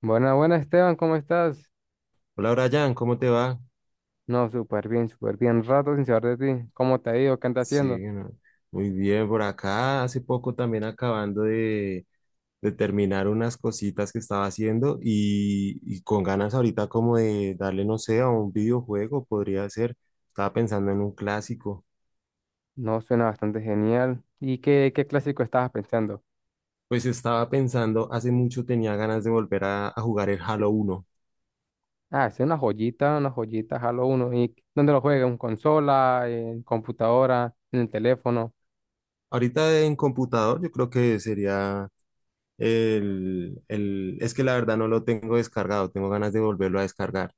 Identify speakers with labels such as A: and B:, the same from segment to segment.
A: Buena, buena Esteban, ¿cómo estás?
B: Hola Brian, ¿cómo te va?
A: No, súper bien, súper bien. Rato sin saber de ti. ¿Cómo te ha ido? ¿Qué andas haciendo?
B: Sí, no, muy bien por acá. Hace poco también acabando de terminar unas cositas que estaba haciendo y con ganas ahorita como de darle, no sé, a un videojuego, podría ser. Estaba pensando en un clásico.
A: No, suena bastante genial. ¿Y qué clásico estabas pensando?
B: Pues estaba pensando, hace mucho tenía ganas de volver a jugar el Halo uno.
A: Ah, es una joyita, Halo uno. ¿Y dónde lo juegas? ¿En consola? ¿En computadora? ¿En el teléfono?
B: Ahorita en computador yo creo que sería Es que la verdad no lo tengo descargado, tengo ganas de volverlo a descargar.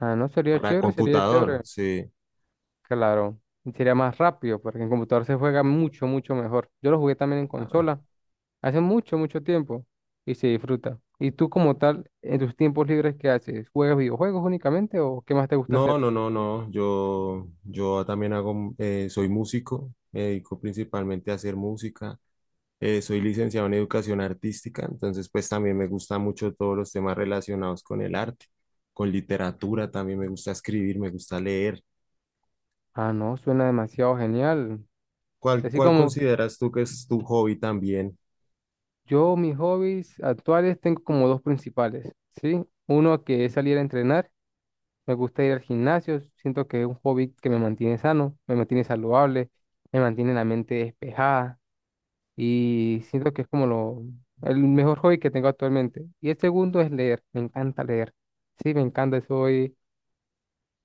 A: Ah, no, sería
B: Para
A: chévere, sería
B: computador,
A: chévere.
B: sí.
A: Claro, y sería más rápido porque en computador se juega mucho, mucho mejor. Yo lo jugué también en
B: Claro.
A: consola. Hace mucho, mucho tiempo y se disfruta. ¿Y tú como tal, en tus tiempos libres, qué haces? ¿Juegas videojuegos únicamente o qué más te gusta
B: No,
A: hacer?
B: no, no, no. Yo también hago, soy músico, me dedico principalmente a hacer música. Soy licenciado en educación artística, entonces pues también me gusta mucho todos los temas relacionados con el arte, con literatura, también me gusta escribir, me gusta leer.
A: Ah, no, suena demasiado genial.
B: ¿Cuál,
A: Así
B: cuál
A: como
B: consideras tú que es tu hobby también?
A: yo, mis hobbies actuales tengo como dos principales, ¿sí? Uno que es salir a entrenar, me gusta ir al gimnasio, siento que es un hobby que me mantiene sano, me mantiene saludable, me mantiene la mente despejada y siento que es como lo, el mejor hobby que tengo actualmente. Y el segundo es leer, me encanta leer. Sí, me encanta, soy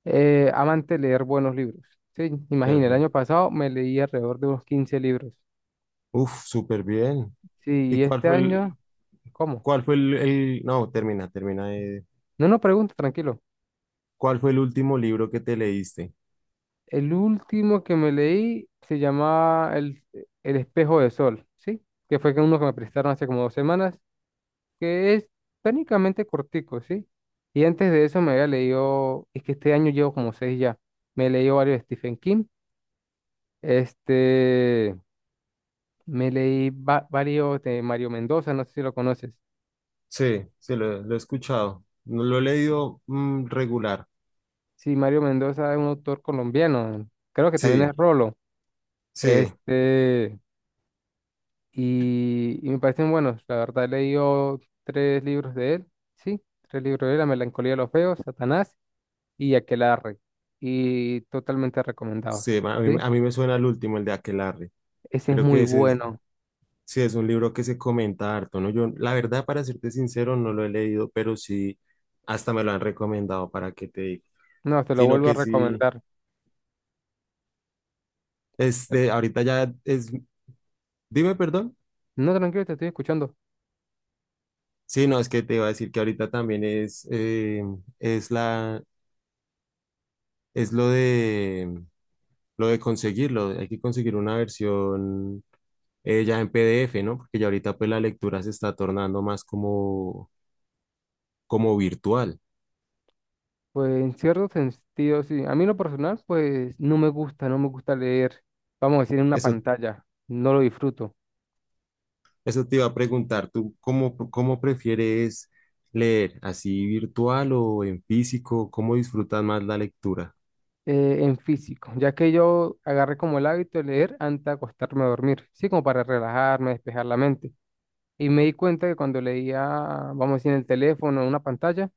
A: amante de leer buenos libros. Sí, imagina, el año
B: Perfecto.
A: pasado me leí alrededor de unos 15 libros.
B: Uf, súper bien.
A: Sí,
B: ¿Y
A: y este año, ¿cómo?
B: cuál fue el- No, termina, termina.
A: No, no pregunto, tranquilo.
B: ¿Cuál fue el último libro que te leíste?
A: El último que me leí se llamaba El espejo de sol, ¿sí? Que fue que uno que me prestaron hace como 2 semanas que es técnicamente cortico, ¿sí? Y antes de eso me había leído, es que este año llevo como seis ya, me he leído varios de Stephen King, este, me leí varios de Mario Mendoza, no sé si lo conoces.
B: Sí, sí, lo he escuchado. No lo he leído, regular.
A: Sí, Mario Mendoza es un autor colombiano, creo que también
B: Sí,
A: es Rolo,
B: sí,
A: este, y me parecen buenos, la verdad he leído tres libros de él, sí, tres libros de él, La melancolía de los feos, Satanás y Aquelarre, y totalmente recomendados.
B: sí. A mí,
A: ¿Sí?
B: a mí me suena el último, el de Aquelarre.
A: Ese es
B: Creo
A: muy
B: que ese es,
A: bueno.
B: Sí es un libro que se comenta harto, ¿no? Yo, la verdad, para serte sincero, no lo he leído, pero sí, hasta me lo han recomendado para que te diga.
A: No, te lo
B: Sino
A: vuelvo a
B: que sí,
A: recomendar. Te- lo-
B: ahorita ya es. Dime, perdón.
A: No, tranquilo, te estoy escuchando.
B: Sí, no, es que te iba a decir que ahorita también es la, es lo de conseguirlo. Hay que conseguir una versión, ya en PDF, ¿no? Porque ya ahorita pues la lectura se está tornando más como virtual.
A: Pues en cierto sentido, sí. A mí en lo personal, pues no me gusta, no me gusta leer, vamos a decir, en una
B: Eso,
A: pantalla. No lo disfruto.
B: eso te iba a preguntar, ¿tú cómo prefieres leer? ¿Así virtual o en físico? ¿Cómo disfrutas más la lectura?
A: En físico, ya que yo agarré como el hábito de leer antes de acostarme a dormir. Sí, como para relajarme, despejar la mente. Y me di cuenta que cuando leía, vamos a decir, en el teléfono, en una pantalla,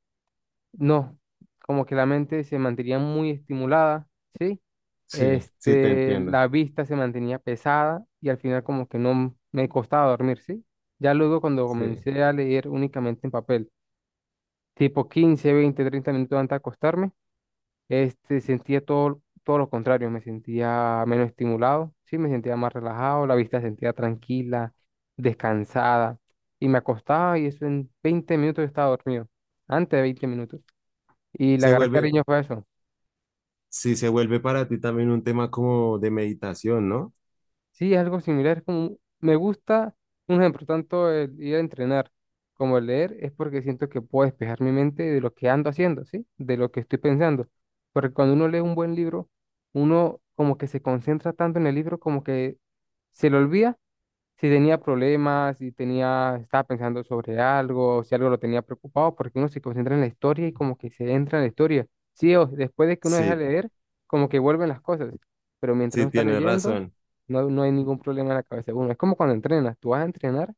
A: no, como que la mente se mantenía muy estimulada, ¿sí?
B: Sí, sí, te
A: Este,
B: entiendo.
A: la vista se mantenía pesada y al final como que no me costaba dormir, ¿sí? Ya luego cuando
B: Sí.
A: comencé a leer únicamente en papel, tipo 15 20 30 minutos antes de acostarme, sentía todo, todo lo contrario, me sentía menos estimulado, ¿sí? Me sentía más relajado, la vista se sentía tranquila, descansada y me acostaba y eso en 20 minutos yo estaba dormido, antes de 20 minutos. Y le
B: Se
A: agarré
B: vuelve,
A: cariño fue a eso.
B: sí, se vuelve para ti también un tema como de meditación, ¿no?
A: Sí, es algo similar, es como, me gusta, un ejemplo, tanto el ir a entrenar como el leer, es porque siento que puedo despejar mi mente de lo que ando haciendo, ¿sí? De lo que estoy pensando. Porque cuando uno lee un buen libro, uno como que se concentra tanto en el libro como que se le olvida si tenía problemas, si tenía, estaba pensando sobre algo, si algo lo tenía preocupado, porque uno se concentra en la historia y como que se entra en la historia. Sí, o después de que uno deja de
B: Sí,
A: leer, como que vuelven las cosas, pero mientras
B: sí,
A: uno está
B: tienes
A: leyendo,
B: razón.
A: no, no hay ningún problema en la cabeza de uno. Es como cuando entrenas, tú vas a entrenar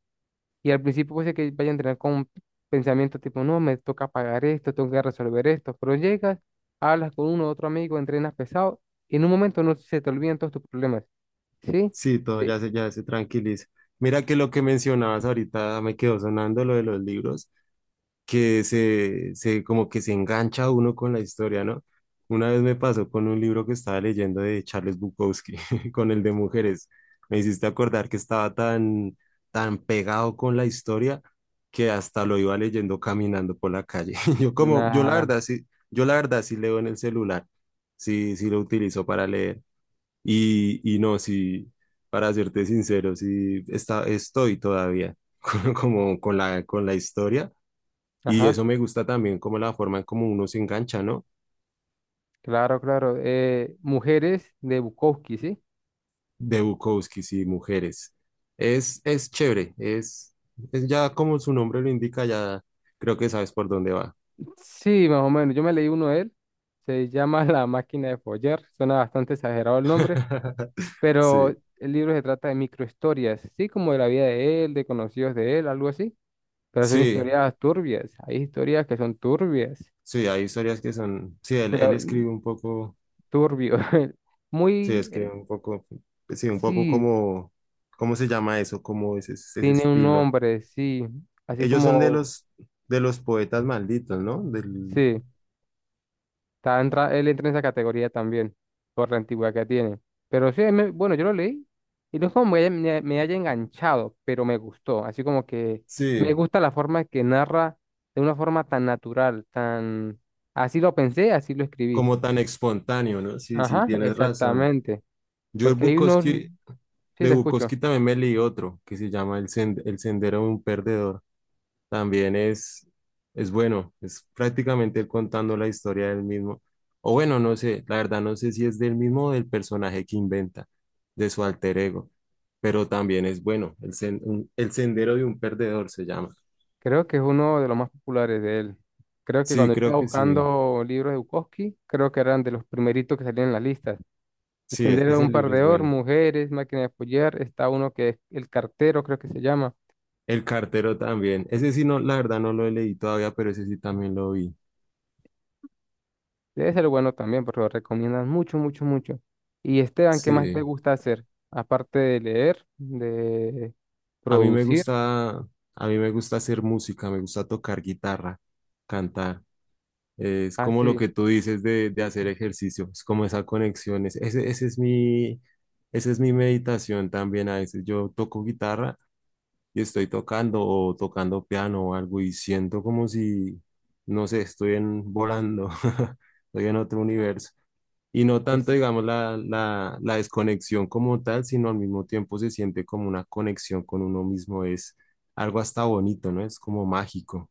A: y al principio puede ser que vaya a entrenar con un pensamiento tipo, no, me toca pagar esto, tengo que resolver esto, pero llegas, hablas con uno, o otro amigo, entrenas pesado y en un momento no se te olvidan todos tus problemas, ¿sí?
B: Sí, todo
A: De-
B: ya se tranquiliza. Mira que lo que mencionabas ahorita me quedó sonando lo de los libros, que se como que se engancha uno con la historia, ¿no? Una vez me pasó con un libro que estaba leyendo de Charles Bukowski, con el de mujeres. Me hiciste acordar que estaba tan, tan pegado con la historia que hasta lo iba leyendo caminando por la calle. Yo como, yo la
A: Nada,
B: verdad sí, yo la verdad sí leo en el celular, sí, sí lo utilizo para leer. Y no, sí, para serte sincero, sí estoy todavía como con la historia, y
A: ajá.
B: eso me gusta también como la forma en cómo uno se engancha, ¿no?
A: Claro, claro. Mujeres de Bukowski, ¿sí?
B: De Bukowski y mujeres. Es chévere, es ya como su nombre lo indica, ya creo que sabes por dónde va.
A: Sí, más o menos. Yo me leí uno de él. Se llama La máquina de follar. Suena bastante exagerado el nombre, pero
B: Sí,
A: el libro se trata de microhistorias, sí, como de la vida de él, de conocidos de él, algo así. Pero son
B: sí,
A: historias turbias. Hay historias que son turbias.
B: sí, hay historias que son, sí, él,
A: te
B: él
A: la-
B: escribe un poco,
A: Turbio.
B: sí,
A: Muy,
B: escribe un poco, sí, un poco
A: sí,
B: como, ¿cómo se llama eso? Como ese
A: tiene un
B: estilo.
A: nombre, sí. Así
B: Ellos son de
A: como,
B: los, de los poetas malditos, ¿no?
A: sí. Está él entra en esa categoría también, por la antigüedad que tiene. Pero sí, bueno, yo lo leí y no es como me haya, me haya enganchado, pero me gustó. Así como que me
B: Sí,
A: gusta la forma que narra de una forma tan natural, tan... Así lo pensé, así lo escribí.
B: como tan espontáneo, ¿no? Sí, sí,
A: Ajá,
B: tienes razón.
A: exactamente.
B: Yo el
A: Porque hay uno,
B: Bukowski,
A: sí,
B: de
A: te escucho.
B: Bukowski también me leí otro que se llama El Sendero de un Perdedor. También es bueno, es prácticamente él contando la historia del mismo. O bueno, no sé, la verdad no sé si es del mismo o del personaje que inventa, de su alter ego, pero también es bueno. El Sendero de un Perdedor se llama.
A: Creo que es uno de los más populares de él. Creo que
B: Sí,
A: cuando
B: creo
A: estaba
B: que sí.
A: buscando libros de Bukowski, creo que eran de los primeritos que salían en las listas.
B: Sí,
A: Extender a
B: ese
A: un par
B: libro es
A: de or,
B: bueno.
A: mujeres, máquina de apoyar. Está uno que es el cartero, creo que se llama.
B: El cartero también. Ese sí, no, la verdad no lo leí todavía, pero ese sí también lo vi.
A: Debe ser bueno también, porque lo recomiendan mucho, mucho, mucho. Y Esteban, ¿qué más te
B: Sí.
A: gusta hacer? Aparte de leer, de
B: A mí me
A: producir.
B: gusta, a mí me gusta hacer música, me gusta tocar guitarra, cantar. Es
A: Ah,
B: como lo
A: sí,
B: que tú dices de hacer ejercicio, es como esa conexión. Esa es mi meditación también. A veces yo toco guitarra y estoy tocando o tocando piano o algo y siento como si, no sé, estoy en, volando, estoy en otro universo. Y no tanto,
A: es
B: digamos, la desconexión como tal, sino al mismo tiempo se siente como una conexión con uno mismo. Es algo hasta bonito, ¿no? Es como mágico.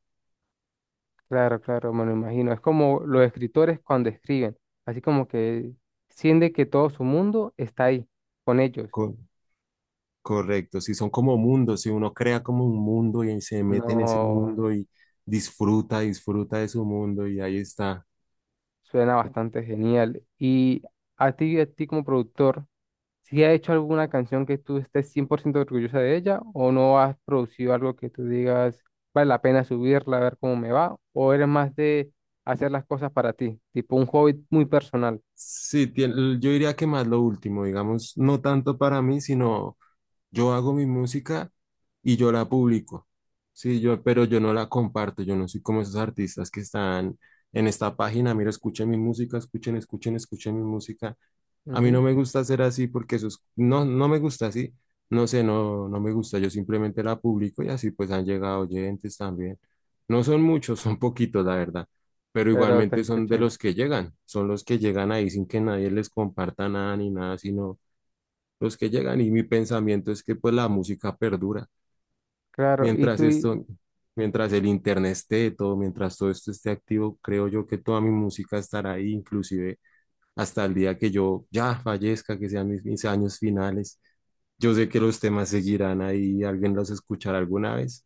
A: claro, claro, me lo imagino. Es como los escritores cuando escriben, así como que sienten que todo su mundo está ahí con ellos.
B: Co- Correcto. Si son como mundos, si uno crea como un mundo y se mete en ese
A: No,
B: mundo y disfruta de su mundo y ahí está.
A: suena bastante genial. Y a ti como productor, si has hecho alguna canción que tú estés 100% orgullosa de ella o no has producido algo que tú digas vale la pena subirla, a ver cómo me va, o eres más de hacer las cosas para ti, tipo un hobby muy personal.
B: Sí, yo diría que más lo último, digamos, no tanto para mí, sino yo hago mi música y yo la publico. Sí, pero yo no la comparto, yo no soy como esos artistas que están en esta página, mira, escuchen mi música, escuchen, escuchen, escuchen mi música. A mí
A: Ujú,
B: no me gusta ser así porque no, no me gusta así, no sé, no, no me gusta, yo simplemente la publico y así pues han llegado oyentes también. No son muchos, son poquitos, la verdad, pero
A: pero te
B: igualmente son de
A: escuchan.
B: los que llegan, son los que llegan ahí sin que nadie les comparta nada ni nada, sino los que llegan y mi pensamiento es que pues la música perdura.
A: Claro, ¿y
B: Mientras
A: tú y
B: esto, Mientras el internet esté, todo, mientras todo esto esté activo, creo yo que toda mi música estará ahí, inclusive hasta el día que yo ya fallezca, que sean mis años finales. Yo sé que los temas seguirán ahí, alguien los escuchará alguna vez.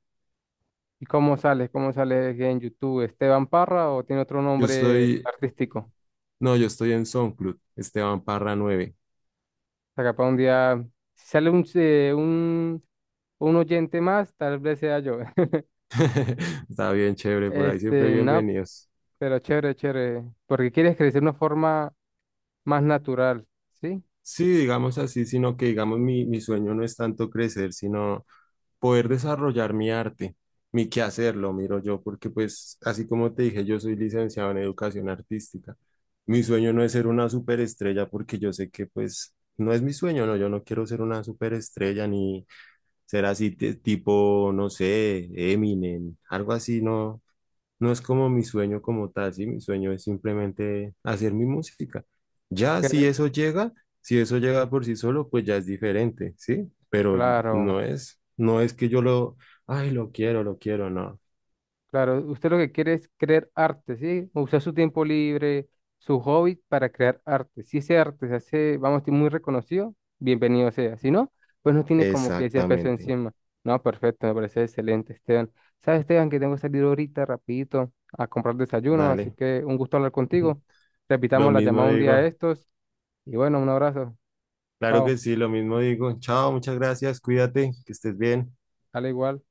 A: y cómo sales? ¿Cómo sales en YouTube? ¿Esteban Parra o tiene otro
B: Yo
A: nombre
B: estoy,
A: artístico? O
B: no, yo estoy en SoundCloud, Esteban Parra 9.
A: sea, capaz un día, si sale un oyente más, tal vez sea yo.
B: Está bien chévere, por ahí siempre
A: No,
B: bienvenidos.
A: pero chévere, chévere, porque quieres crecer de una forma más natural, ¿sí?
B: Sí, digamos así, sino que digamos mi sueño no es tanto crecer, sino poder desarrollar mi arte, mi quehacer, lo miro yo, porque pues así como te dije, yo soy licenciado en educación artística. Mi sueño no es ser una superestrella porque yo sé que pues no es mi sueño, no, yo no quiero ser una superestrella ni ser así tipo, no sé, Eminem, algo así, no, no es como mi sueño como tal, ¿sí? Mi sueño es simplemente hacer mi música. Ya, si
A: Cre-
B: eso llega, si eso llega por sí solo, pues ya es diferente, ¿sí? Pero
A: Claro,
B: no es que yo lo, ay, lo quiero, no.
A: claro. Usted lo que quiere es crear arte, ¿sí? Usar su tiempo libre, su hobby para crear arte. Si ese arte se hace, vamos a decir, muy reconocido, bienvenido sea. Si no, pues no tiene como que ese peso
B: Exactamente.
A: encima. No, perfecto, me parece excelente, Esteban. ¿Sabes, Esteban, que tengo que salir ahorita rapidito a comprar desayuno? Así
B: Dale.
A: que un gusto hablar contigo.
B: Lo
A: Repitamos la
B: mismo
A: llamada un día de
B: digo.
A: estos. Y bueno, un abrazo.
B: Claro
A: Chao.
B: que sí, lo mismo digo. Chao, muchas gracias, cuídate, que estés bien.
A: Dale igual.